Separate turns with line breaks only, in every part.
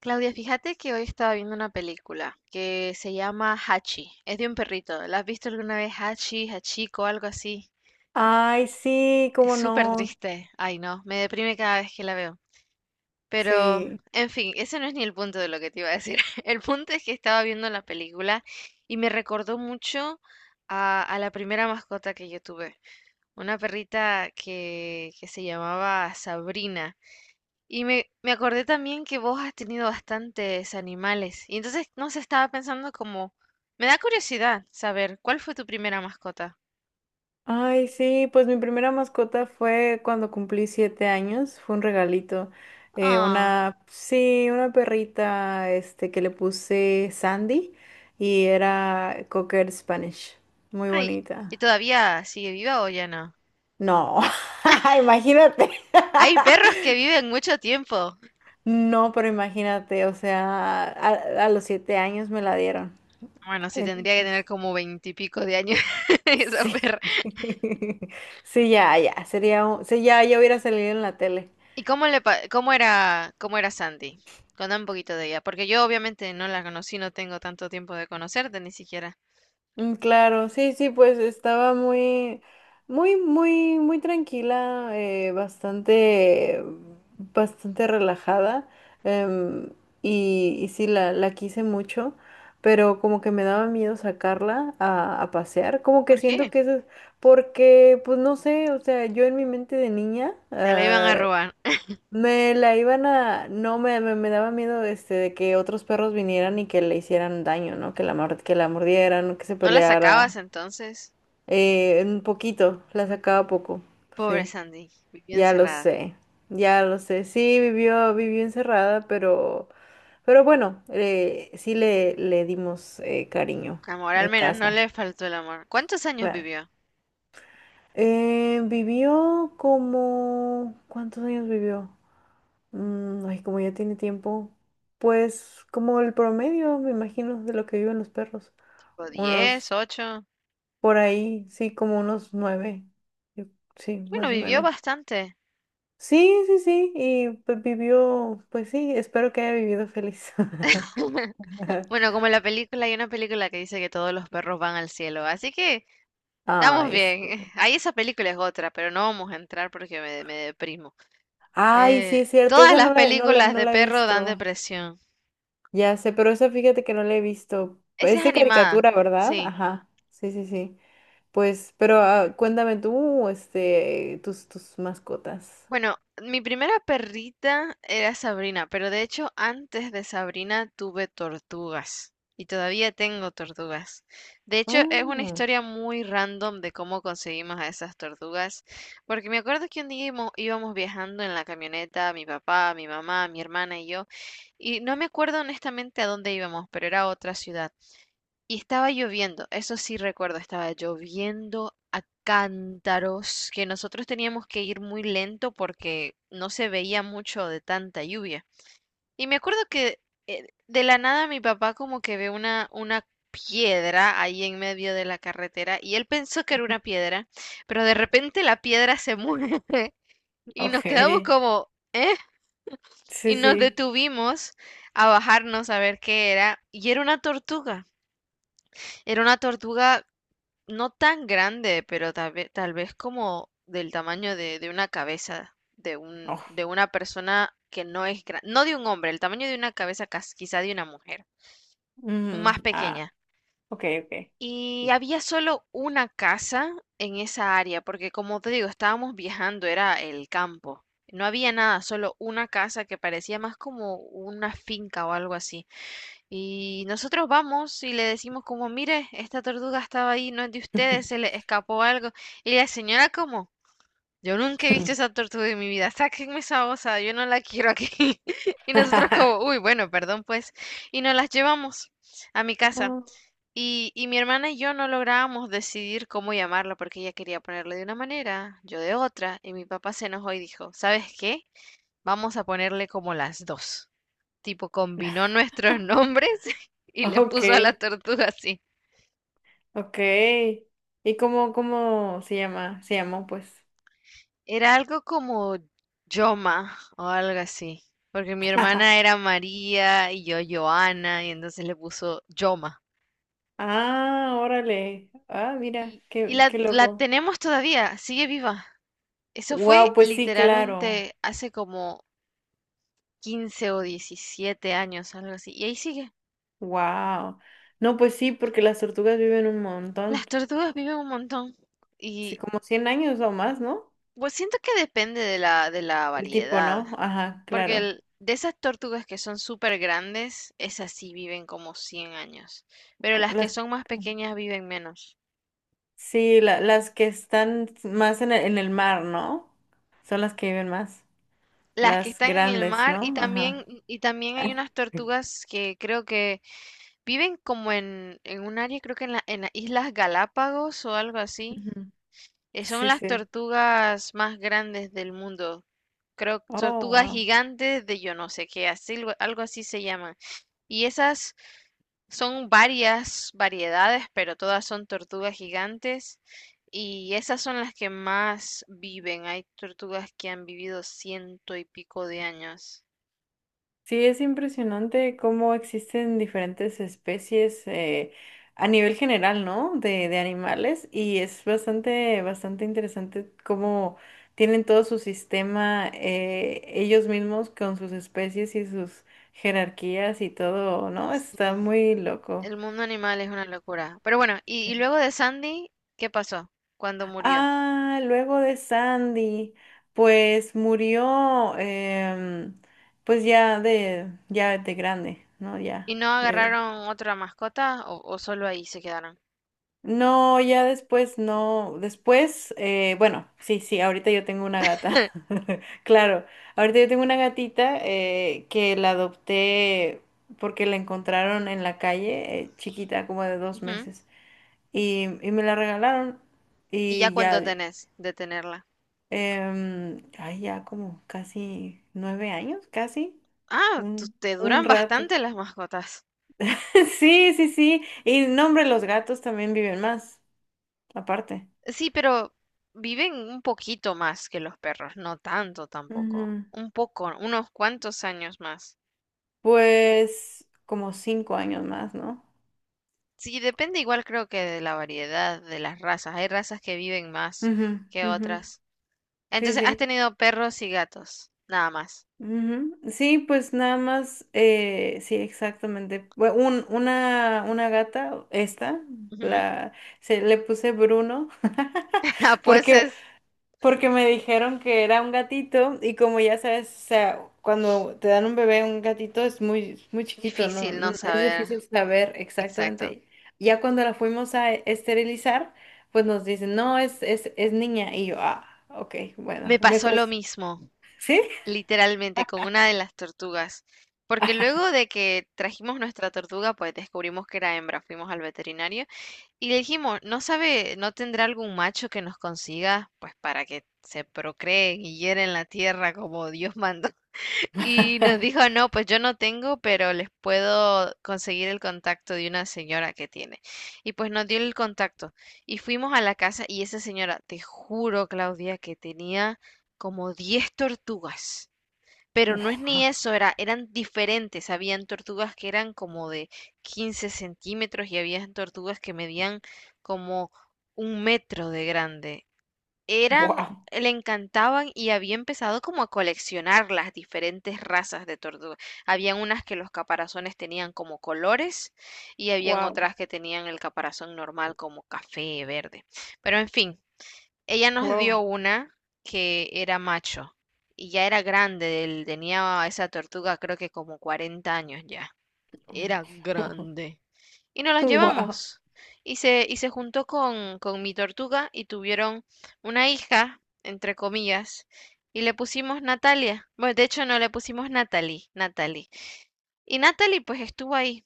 Claudia, fíjate que hoy estaba viendo una película que se llama Hachi. Es de un perrito. ¿La has visto alguna vez Hachi, Hachiko, algo así?
Ay, sí,
Es
cómo
súper
no.
triste. Ay, no, me deprime cada vez que la veo. Pero,
Sí.
en fin, ese no es ni el punto de lo que te iba a decir. El punto es que estaba viendo la película y me recordó mucho a la primera mascota que yo tuve. Una perrita que se llamaba Sabrina. Y me acordé también que vos has tenido bastantes animales. Y entonces, no sé, estaba pensando como... Me da curiosidad saber, ¿cuál fue tu primera mascota?
Ay, sí, pues mi primera mascota fue cuando cumplí 7 años. Fue un regalito.
Ah,
Una perrita, que le puse Sandy y era Cocker Spanish. Muy
ay, ¿y
bonita.
todavía sigue viva o ya no?
No, imagínate.
Hay perros que viven mucho tiempo.
No, pero imagínate, o sea, a los 7 años me la dieron.
Bueno, sí, tendría que tener como veintipico de años esa
Sí.
perra.
Sí, ya, ya. Sí, ya, ya hubiera salido en la tele.
¿Y cómo le pa- cómo era Sandy? Contá un poquito de ella, porque yo obviamente no la conocí, no tengo tanto tiempo de conocerte ni siquiera.
Claro, sí, sí, pues estaba muy tranquila, bastante relajada. em, y sí, la quise mucho, pero como que me daba miedo sacarla a pasear. Como que
¿Por
siento
qué?
que eso es porque, pues no sé, o sea, yo en mi mente de niña,
Te la iban a robar.
me la iban a, no, me daba miedo de que otros perros vinieran y que le hicieran daño, ¿no? Que la mordieran, que se
¿No la sacabas
peleara.
entonces?
Un poquito, la sacaba poco,
Pobre
sí.
Sandy, vivió
Ya lo
encerrada.
sé, ya lo sé. Sí, vivió encerrada, pero bueno, sí le dimos cariño
Amor, al
en
menos no
casa.
le faltó el amor. ¿Cuántos años
Claro.
vivió?
Vivió como, ¿cuántos años vivió? Ay, como ya tiene tiempo, pues como el promedio, me imagino, de lo que viven los perros.
¿Tipo 10,
Unos
8?
por ahí, sí, como unos nueve. yo- sí,
Bueno,
más o
vivió
menos.
bastante.
Sí, sí, sí, y pues vivió, pues sí, espero que haya vivido feliz.
Bueno, como en la película, hay una película que dice que todos los perros van al cielo, así que estamos
Ay,
bien.
sí.
Ahí esa película es otra, pero no vamos a entrar porque me deprimo.
Ay, sí, es cierto,
Todas
esa
las películas
no
de
la he
perro dan
visto.
depresión.
Ya sé, pero esa fíjate que no la he visto.
Esa
Es
es
de
animada,
caricatura, ¿verdad?
sí.
Ajá, sí, sí, sí. Pues, pero cuéntame tú, tus mascotas.
Bueno, mi primera perrita era Sabrina, pero de hecho antes de Sabrina tuve tortugas y todavía tengo tortugas. De hecho es una
Oh,
historia muy random de cómo conseguimos a esas tortugas, porque me acuerdo que un día íbamos viajando en la camioneta, mi papá, mi mamá, mi hermana y yo, y no me acuerdo honestamente a dónde íbamos, pero era a otra ciudad. Y estaba lloviendo, eso sí recuerdo, estaba lloviendo a cántaros, que nosotros teníamos que ir muy lento porque no se veía mucho de tanta lluvia. Y me acuerdo que de la nada mi papá como que ve una piedra ahí en medio de la carretera y él pensó que era una piedra, pero de repente la piedra se mueve y nos
ok,
quedamos como, y
sí,
nos
sí.
detuvimos a bajarnos a ver qué era, y era una tortuga. Era una tortuga no tan grande, pero tal vez como del tamaño de una cabeza, de
Oh,
de una persona que no es grande, no de un hombre, el tamaño de una cabeza quizá de una mujer,
mm,
más
ah,
pequeña.
ok, ok.
Y había solo una casa en esa área, porque como te digo, estábamos viajando, era el campo. No había nada, solo una casa que parecía más como una finca o algo así. Y nosotros vamos y le decimos como, mire, esta tortuga estaba ahí, no es de ustedes, se le escapó algo. Y la señora como, yo nunca he visto esa tortuga en mi vida, sáquenme esa osa, yo no la quiero aquí. Y nosotros como, uy, bueno, perdón pues. Y nos las llevamos a mi casa.
Oh.
Y mi hermana y yo no lográbamos decidir cómo llamarla porque ella quería ponerle de una manera, yo de otra. Y mi papá se enojó y dijo, ¿sabes qué? Vamos a ponerle como las dos, tipo combinó nuestros nombres y le
Ok,
puso a la tortuga así.
ok. Cómo se llama? Se llamó, pues.
Era algo como Yoma o algo así, porque mi hermana era María y yo Joana y entonces le puso Yoma.
Ah, órale. Ah, mira,
Y, y la,
qué
la
loco.
tenemos todavía, sigue viva. Eso fue
Wow, pues sí, claro.
literalmente hace como 15 o 17 años, algo así. Y ahí sigue.
Wow. No, pues sí, porque las tortugas viven un montón.
Las tortugas viven un montón.
Sí,
Y
como 100 años o más, ¿no?
pues siento que depende de la
El tipo,
variedad,
¿no? Ajá,
porque
claro.
el- de esas tortugas que son súper grandes, esas sí viven como 100 años, pero
Co-
las que
Las,
son más pequeñas viven menos.
sí, las que están más en en el mar, ¿no? Son las que viven más.
Las que
Las
están en el
grandes,
mar
¿no? Ajá.
y también hay
Ah,
unas tortugas que creo que viven como en, en un área, creo que en las Islas Galápagos o algo así.
ujú.
Son
Sí,
las
sí.
tortugas más grandes del mundo. Creo
Oh,
tortugas
wow.
gigantes de yo no sé qué, así, algo así se llaman. Y esas son varias variedades, pero todas son tortugas gigantes. Y esas son las que más viven. Hay tortugas que han vivido ciento y pico de años.
Sí, es impresionante cómo existen diferentes especies a nivel general, ¿no? De animales y es bastante interesante cómo tienen todo su sistema ellos mismos con sus especies y sus jerarquías y todo, ¿no? Está
Sí.
muy loco.
El mundo animal es una locura. Pero bueno, y
Sí.
luego de Sandy, ¿qué pasó cuando murió?
Ah, luego de Sandy, pues murió, pues ya de grande, ¿no?
¿Y
Ya.
no agarraron otra mascota o solo ahí se quedaron?
No, ya después no. Después, bueno, sí, sí, ahorita yo tengo una gata. Claro, ahorita yo tengo una gatita que la adopté porque la encontraron en la calle, chiquita, como de dos
Ujú.
meses. Y me la regalaron.
¿Y ya
Y ya,
cuánto tenés de tenerla?
ay, ya como casi 9 años, casi.
Ah, tu-
Un,
te
un
duran
rato.
bastante las mascotas.
Sí, sí, sí. Y nombre, los gatos también viven más, aparte.
Sí, pero viven un poquito más que los perros, no tanto tampoco,
Ujú.
un poco, unos cuantos años más.
Pues como 5 años más, no.
Sí, depende igual creo que de la variedad de las razas. Hay razas que viven más
Ujú,
que
ujú.
otras.
Sí,
Entonces, has
sí.
tenido perros y gatos, nada más.
Ujú. Sí, pues nada más, sí, exactamente. Una gata,
Ujú.
la, le puse Bruno,
Ah, pues
porque
es
porque me dijeron que era un gatito y como ya sabes, o sea, cuando te dan un bebé, un gatito es muy chiquito, ¿no?
difícil no
N- es
saber.
difícil
¿No?
saber
Exacto.
exactamente. Ya cuando la fuimos a esterilizar, pues nos dicen, no, es niña. Y yo, ah, ok, bueno,
Me
me
pasó lo
costó.
mismo,
¿Sí?
literalmente, con una de las tortugas. Porque luego de que trajimos nuestra tortuga, pues descubrimos que era hembra. Fuimos al veterinario y le dijimos, ¿no sabe, no tendrá algún macho que nos consiga, pues para que se procreen y hieren la tierra como Dios mandó? Y nos dijo, no, pues yo no tengo, pero les puedo conseguir el contacto de una señora que tiene. Y pues nos dio el contacto. Y fuimos a la casa y esa señora, te juro, Claudia, que tenía como 10 tortugas. Pero no es ni eso, era, eran diferentes. Habían tortugas que eran como de 15 centímetros y había tortugas que medían como un metro de grande. Eran,
Wow,
le encantaban y había empezado como a coleccionar las diferentes razas de tortugas. Habían unas que los caparazones tenían como colores y habían
wow,
otras que tenían el caparazón normal como café, verde. Pero en fin, ella nos dio
wow.
una que era macho y ya era grande, él tenía esa tortuga creo que como 40 años ya, era grande. Y nos las
Wow.
llevamos y y se juntó con mi tortuga y tuvieron una hija, entre comillas, y le pusimos Natalia. Bueno, de hecho no le pusimos Natalie, Natalie. Y Natalie pues estuvo ahí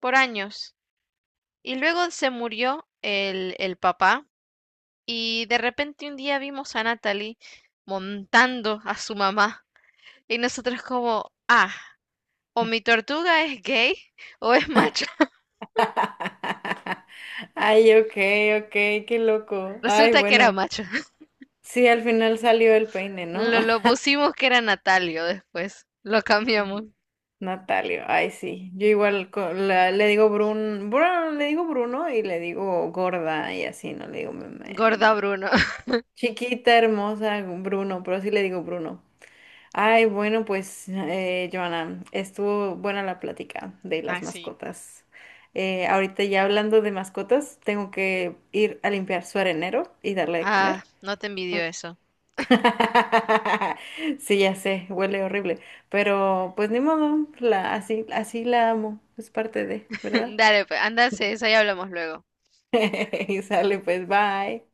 por años y luego se murió el papá. Y de repente un día vimos a Natalie montando a su mamá. Y nosotros como, ah, o mi tortuga es gay o es macho.
Ay, ok, ok, qué loco. Ay,
Resulta que era
bueno.
macho.
Sí, al final salió el peine, ¿no?
Lo pusimos que era Natalio después. Lo cambiamos.
Ujú. Natalia, ay sí, yo igual le digo Bruno, le digo Bruno y le digo gorda y así, no le digo
Gorda Bruno.
chiquita, hermosa, Bruno, pero sí le digo Bruno. Ay, bueno, pues Joana, estuvo buena la plática de las
Ah, sí.
mascotas. Ahorita ya hablando de mascotas, tengo que ir a limpiar su arenero y darle de comer.
Ah, no te envidio eso.
Sí, ya sé, huele horrible, pero pues ni modo, la, así, así la amo, es parte de, ¿verdad?
Dale, pues, ándase, eso ya hablamos luego.
Y sale, pues, bye.